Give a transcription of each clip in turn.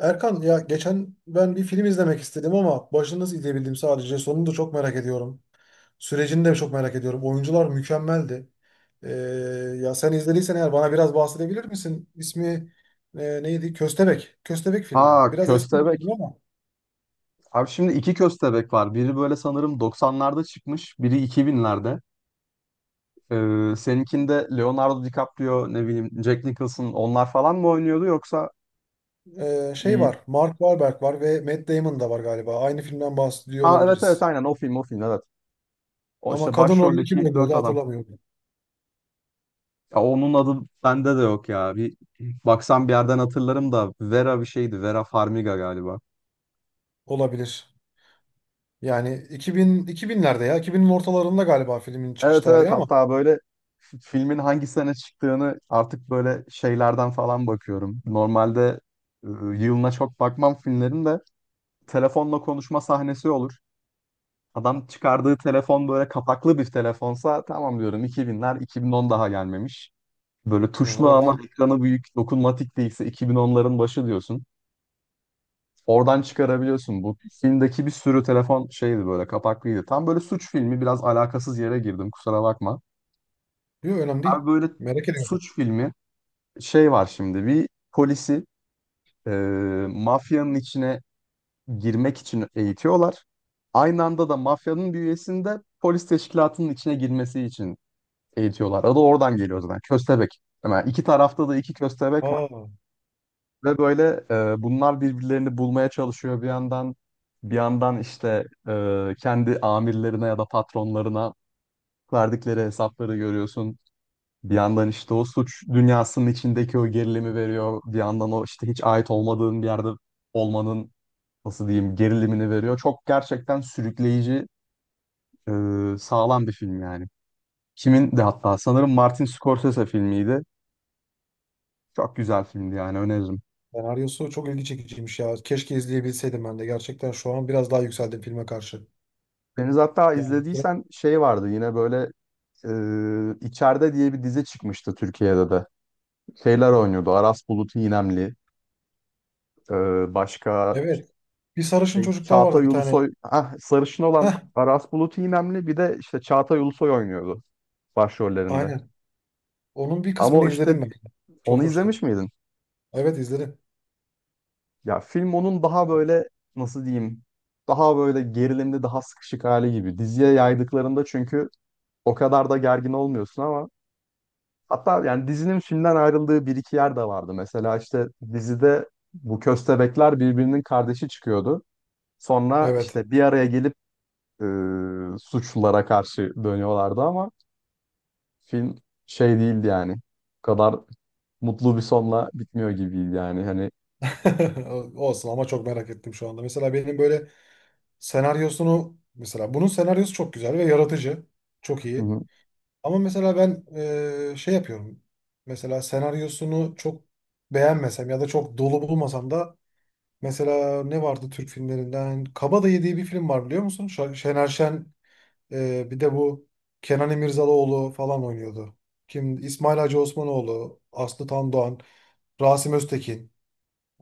Erkan ya geçen ben bir film izlemek istedim ama başını nasıl izleyebildim sadece. Sonunu da çok merak ediyorum. Sürecini de çok merak ediyorum. Oyuncular mükemmeldi. Ee, ya sen izlediysen eğer bana biraz bahsedebilir misin? İsmi neydi? Köstebek. Köstebek filmi. Ha Biraz eski bir köstebek. film ama Abi şimdi iki köstebek var. Biri böyle sanırım 90'larda çıkmış. Biri 2000'lerde. Seninkinde Leonardo DiCaprio, ne bileyim Jack Nicholson onlar falan mı oynuyordu yoksa şey bir... var. Mark Wahlberg var ve Matt Damon da var galiba. Aynı filmden bahsediyor Ha evet, olabiliriz. aynen o film, evet. O Ama işte kadın rolünü kim başroldeki dört oynuyordu adam. hatırlamıyorum. Ya onun adı bende de yok ya. Bir baksam bir yerden hatırlarım da Vera bir şeydi. Vera Farmiga galiba. Olabilir. Yani 2000, 2000'lerde ya 2000'in ortalarında galiba filmin çıkış Evet evet, tarihi ama. hatta böyle filmin hangi sene çıktığını artık böyle şeylerden falan bakıyorum. Normalde e, yılına çok bakmam filmlerin de telefonla konuşma sahnesi olur. Adam çıkardığı telefon böyle kapaklı bir telefonsa tamam diyorum, 2000'ler, 2010 daha gelmemiş. Böyle Ha, tuşlu ama oradan. ekranı büyük dokunmatik değilse 2010'ların başı diyorsun. Oradan çıkarabiliyorsun. Bu filmdeki bir sürü telefon şeydi, böyle kapaklıydı. Tam böyle suç filmi, biraz alakasız yere girdim, kusura bakma. Yok, önemli Abi değil. böyle Merak ediyorum. suç filmi şey var şimdi, bir polisi e, mafyanın içine girmek için eğitiyorlar. Aynı anda da mafyanın bir üyesini de polis teşkilatının içine girmesi için eğitiyorlar. Adı oradan geliyor zaten. Köstebek. Hemen iki tarafta da iki köstebek var Aa, ve böyle bunlar birbirlerini bulmaya çalışıyor bir yandan. Bir yandan işte kendi amirlerine ya da patronlarına verdikleri hesapları görüyorsun. Bir yandan işte o suç dünyasının içindeki o gerilimi veriyor. Bir yandan o işte hiç ait olmadığın bir yerde olmanın, nasıl diyeyim, gerilimini veriyor. Çok gerçekten sürükleyici, e, sağlam bir film yani. Kimin de hatta, sanırım Martin Scorsese filmiydi. Çok güzel filmdi yani, öneririm. senaryosu çok ilgi çekiciymiş ya. Keşke izleyebilseydim ben de. Gerçekten şu an biraz daha yükseldim filme karşı. Deniz hatta Yani bir kere- izlediysen şey vardı yine böyle, İçeride diye bir dizi çıkmıştı Türkiye'de de. Şeyler oynuyordu. Aras Bulut İynemli. E, başka evet. Bir sarışın Şey, çocuk daha vardı Çağatay bir tane. Ulusoy, ah, sarışın olan Heh, Aras Bulut İynemli, bir de işte Çağatay Ulusoy oynuyordu başrollerinde. aynen. Onun bir kısmını Ama işte izledim ben. onu Çok hoştu. izlemiş miydin? Evet, izledim. Ya film onun daha böyle, nasıl diyeyim, daha böyle gerilimli, daha sıkışık hali gibi. Diziye yaydıklarında çünkü o kadar da gergin olmuyorsun. Ama hatta yani dizinin filmden ayrıldığı bir iki yer de vardı. Mesela işte dizide bu köstebekler birbirinin kardeşi çıkıyordu. Sonra Evet. işte bir araya gelip e, suçlulara karşı dönüyorlardı. Ama film şey değildi yani. Bu kadar mutlu bir sonla bitmiyor gibiydi yani. Hani Olsun ama çok merak ettim şu anda. Mesela benim böyle senaryosunu, mesela bunun senaryosu çok güzel ve yaratıcı. Çok hı iyi. hı. Ama mesela ben şey yapıyorum. Mesela senaryosunu çok beğenmesem ya da çok dolu bulmasam da mesela ne vardı Türk filmlerinden? Kabadayı diye bir film var, biliyor musun? Şener Şen bir de bu Kenan İmirzalıoğlu falan oynuyordu. Kim? İsmail Hacı Osmanoğlu, Aslı Tandoğan, Rasim Öztekin.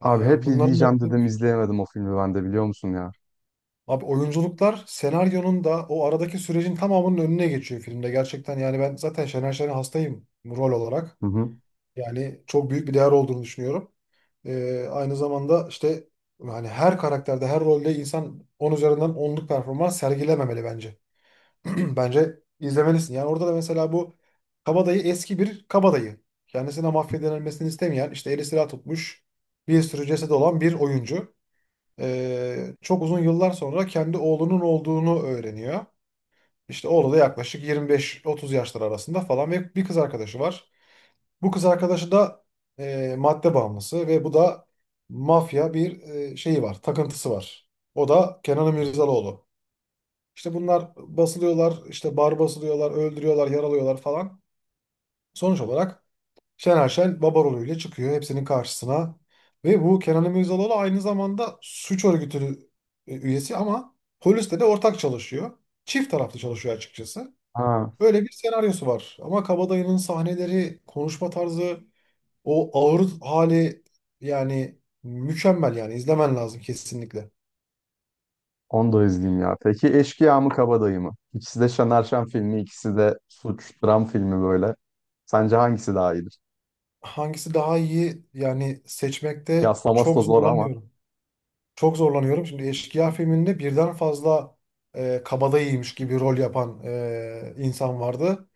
Abi hep Bunların izleyeceğim dedim, izleyemedim o filmi ben de, biliyor musun ya? Abi, oyunculuklar senaryonun da o aradaki sürecin tamamının önüne geçiyor filmde. Gerçekten yani ben zaten Şener Şen'e hastayım rol olarak. Hı hı. Yani çok büyük bir değer olduğunu düşünüyorum. Aynı zamanda işte yani her karakterde, her rolde insan 10 üzerinden onluk performans sergilememeli bence. Bence izlemelisin. Yani orada da mesela bu kabadayı eski bir kabadayı. Kendisine mahvedilmesini denilmesini istemeyen, işte eli silah tutmuş, bir sürü cesedi olan bir oyuncu. Çok uzun yıllar sonra kendi oğlunun olduğunu öğreniyor. İşte oğlu da yaklaşık 25-30 yaşlar arasında falan ve bir kız arkadaşı var. Bu kız arkadaşı da madde bağımlısı ve bu da mafya bir şeyi var, takıntısı var. O da Kenan Mirzalıoğlu. İşte bunlar basılıyorlar, işte bar basılıyorlar, öldürüyorlar, yaralıyorlar falan. Sonuç olarak Şener Şen baba rolüyle çıkıyor hepsinin karşısına. Ve bu Kenan Mirzalıoğlu aynı zamanda suç örgütü üyesi ama polisle de ortak çalışıyor. Çift taraflı çalışıyor açıkçası. Ha, Böyle bir senaryosu var. Ama Kabadayı'nın sahneleri, konuşma tarzı, o ağır hali yani mükemmel, yani izlemen lazım kesinlikle. onu da izleyeyim ya. Peki Eşkıya mı Kabadayı mı? İkisi de Şener Şen filmi, ikisi de suç, dram filmi böyle. Sence hangisi daha iyidir? Hangisi daha iyi, yani seçmekte Kıyaslaması da çok zor ama. zorlanıyorum. Çok zorlanıyorum. Şimdi Eşkıya filminde birden fazla kabadayıymış gibi rol yapan insan vardı.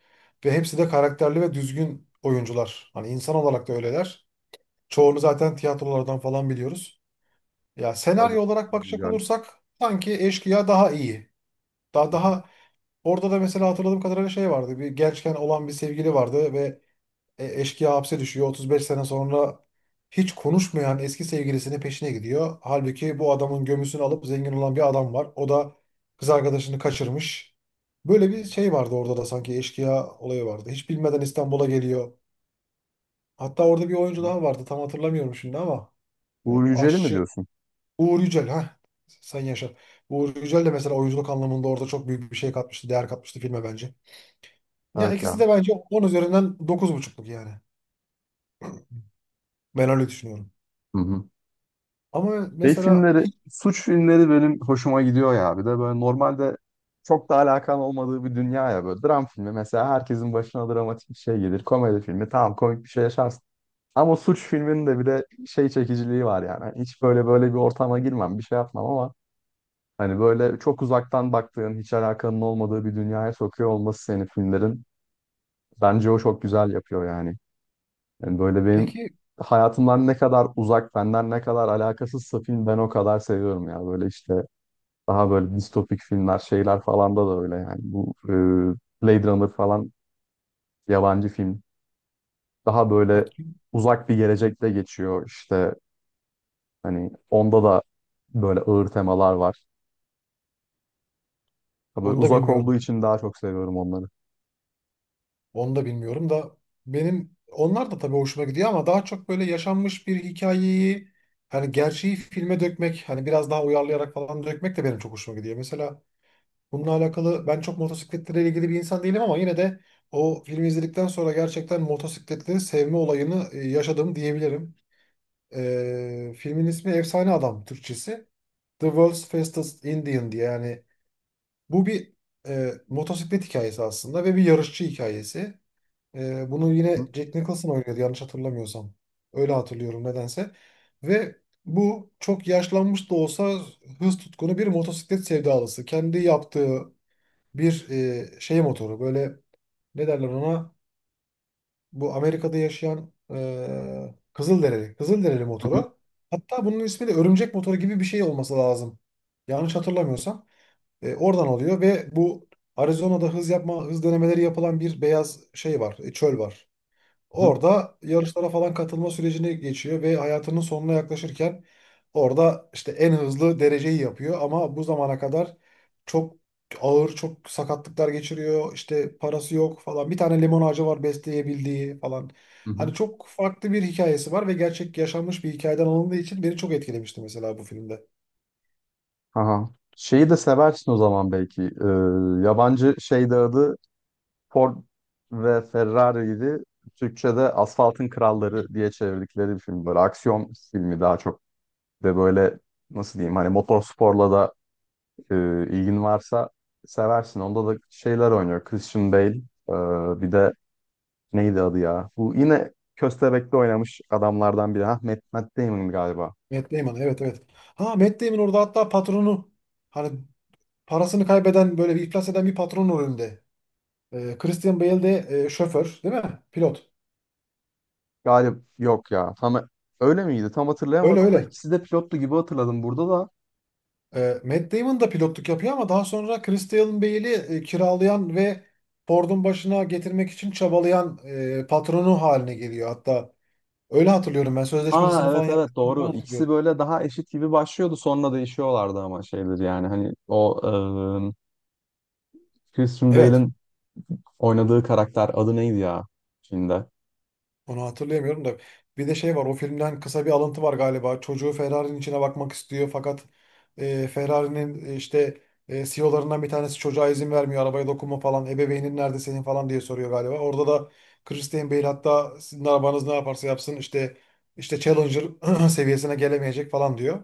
Ve hepsi de karakterli ve düzgün oyuncular. Hani insan olarak da öyleler. Çoğunu zaten tiyatrolardan falan biliyoruz. Ya Tabii. senaryo olarak Uğur bakacak Yücel. olursak sanki Eşkıya daha iyi. Daha, Hı daha orada da mesela hatırladığım kadarıyla şey vardı. Bir gençken olan bir sevgili vardı ve eşkıya hapse düşüyor. 35 sene sonra hiç konuşmayan eski sevgilisinin peşine gidiyor. Halbuki bu adamın gömüsünü alıp zengin olan bir adam var. O da kız arkadaşını kaçırmış. Böyle bir şey vardı orada da, sanki eşkıya olayı vardı. Hiç bilmeden İstanbul'a geliyor. Hatta orada bir oyuncu hı. daha vardı. Tam hatırlamıyorum şimdi ama Uğur Yücel'i mi aşçı diyorsun? Uğur Yücel ha. Sen yaşa. Uğur Yücel de mesela oyunculuk anlamında orada çok büyük bir şey katmıştı, değer katmıştı filme bence. Ya Evet ya. ikisi de bence 10 üzerinden dokuz buçukluk yani. Ben öyle düşünüyorum. Hı hı. Ama Şey mesela filmleri, hiç, suç filmleri benim hoşuma gidiyor ya. Bir de böyle normalde çok da alakan olmadığı bir dünya ya böyle. Dram filmi mesela, herkesin başına dramatik bir şey gelir. Komedi filmi tamam, komik bir şey yaşarsın. Ama suç filminin de bir de şey çekiciliği var yani. Hani hiç böyle bir ortama girmem, bir şey yapmam, ama hani böyle çok uzaktan baktığın, hiç alakanın olmadığı bir dünyaya sokuyor olması senin filmlerin. Bence o çok güzel yapıyor yani. Yani böyle benim peki hayatımdan ne kadar uzak, benden ne kadar alakasızsa film, ben o kadar seviyorum ya. Böyle işte daha böyle distopik filmler, şeyler falan da öyle yani. Bu Blade Runner falan, yabancı film. Daha böyle hakim, uzak bir gelecekte geçiyor işte. Hani onda da böyle ağır temalar var. Ha, böyle onu da uzak olduğu bilmiyorum. için daha çok seviyorum onları. Onu da bilmiyorum da benim onlar da tabii hoşuma gidiyor ama daha çok böyle yaşanmış bir hikayeyi, hani gerçeği filme dökmek, hani biraz daha uyarlayarak falan dökmek de benim çok hoşuma gidiyor. Mesela bununla alakalı ben çok motosikletlere ilgili bir insan değilim ama yine de o filmi izledikten sonra gerçekten motosikletleri sevme olayını yaşadım diyebilirim. Filmin ismi Efsane Adam Türkçesi. The World's Fastest Indian diye, yani bu bir motosiklet hikayesi aslında ve bir yarışçı hikayesi. Bunu yine Hı Jack Nicholson oynuyordu yanlış hatırlamıyorsam. Öyle hatırlıyorum nedense. Ve bu çok yaşlanmış da olsa hız tutkunu bir motosiklet sevdalısı. Kendi yaptığı bir şey motoru, böyle ne derler ona, bu Amerika'da yaşayan Kızılderili, Kızılderili hı, motoru. Hatta bunun ismi de örümcek motoru gibi bir şey olması lazım. Yanlış hatırlamıyorsam. Oradan alıyor ve bu Arizona'da hız yapma, hız denemeleri yapılan bir beyaz şey var, çöl var. hı Orada yarışlara falan katılma sürecine geçiyor ve hayatının sonuna yaklaşırken orada işte en hızlı dereceyi yapıyor ama bu zamana kadar çok ağır, çok sakatlıklar geçiriyor. İşte parası yok falan. Bir tane limon ağacı var besleyebildiği falan. hı. Hı. Hani çok farklı bir hikayesi var ve gerçek yaşanmış bir hikayeden alındığı için beni çok etkilemişti mesela bu filmde. Aha. Şeyi de seversin o zaman belki. Yabancı şeyde adı Ford ve Ferrari'ydi. Türkçe'de Asfaltın Kralları diye çevirdikleri bir film. Böyle aksiyon filmi daha çok. De böyle, nasıl diyeyim, hani motorsporla da e, ilgin varsa seversin. Onda da şeyler oynuyor. Christian Bale, bir de neydi adı ya? Bu yine Köstebek'te oynamış adamlardan biri. Ha, Matt Damon galiba. Matt Damon, evet, evet. Ha, Matt Damon orada hatta patronu, hani parasını kaybeden böyle bir iflas eden bir patron rolünde. Christian Bale de şoför değil mi? Pilot. Galip yok ya. Tam öyle miydi? Tam Öyle, hatırlayamadım da öyle. ikisi de pilotlu gibi hatırladım burada da. Matt Damon da pilotluk yapıyor ama daha sonra Christian Bale'i kiralayan ve Ford'un başına getirmek için çabalayan patronu haline geliyor. Hatta öyle hatırlıyorum, ben Ha sözleşmesini falan evet evet, yaptığını falan doğru. İkisi hatırlıyorum. böyle daha eşit gibi başlıyordu. Sonra değişiyorlardı ama şeydir yani hani o e, Christian Evet. Bale'in oynadığı karakter adı neydi ya filmde? Onu hatırlayamıyorum da. Bir de şey var, o filmden kısa bir alıntı var galiba. Çocuğu Ferrari'nin içine bakmak istiyor fakat Ferrari'nin işte CEO'larından bir tanesi çocuğa izin vermiyor. Arabaya dokunma falan. Ebeveynin nerede senin falan diye soruyor galiba. Orada da Christian Bale hatta sizin arabanız ne yaparsa yapsın işte Challenger seviyesine gelemeyecek falan diyor.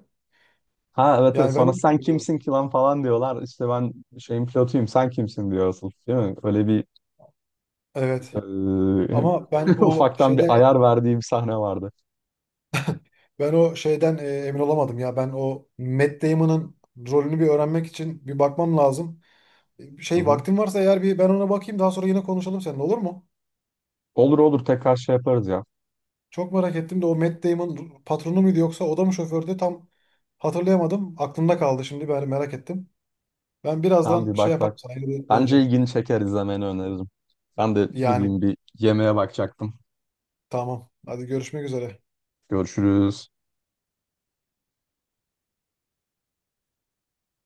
Ha evet, evet Yani ben sonra de sen bilmiyorum. kimsin ki lan falan diyorlar. İşte ben şeyin pilotuyum, sen kimsin diyor asıl, değil mi? Öyle bir... Evet. Ee, Ama ben o ufaktan bir şeyden ayar verdiğim sahne vardı. ben o şeyden emin olamadım ya. Ben o Matt Damon'ın rolünü bir öğrenmek için bir bakmam lazım. Hı Şey, hı. vaktin varsa eğer bir ben ona bakayım, daha sonra yine konuşalım seninle, olur mu? Olur olur, tekrar şey yaparız ya. Çok merak ettim de o Matt Damon patronu muydu yoksa o da mı şofördü, tam hatırlayamadım. Aklımda kaldı şimdi, ben merak ettim. Ben Tamam, birazdan bir şey bak yaparım, bak. sana yine Bence döneceğim. ilgini çeker, izlemeni öneririm. Ben de gideyim, Yani bir yemeğe bakacaktım. tamam, hadi görüşmek üzere. Görüşürüz.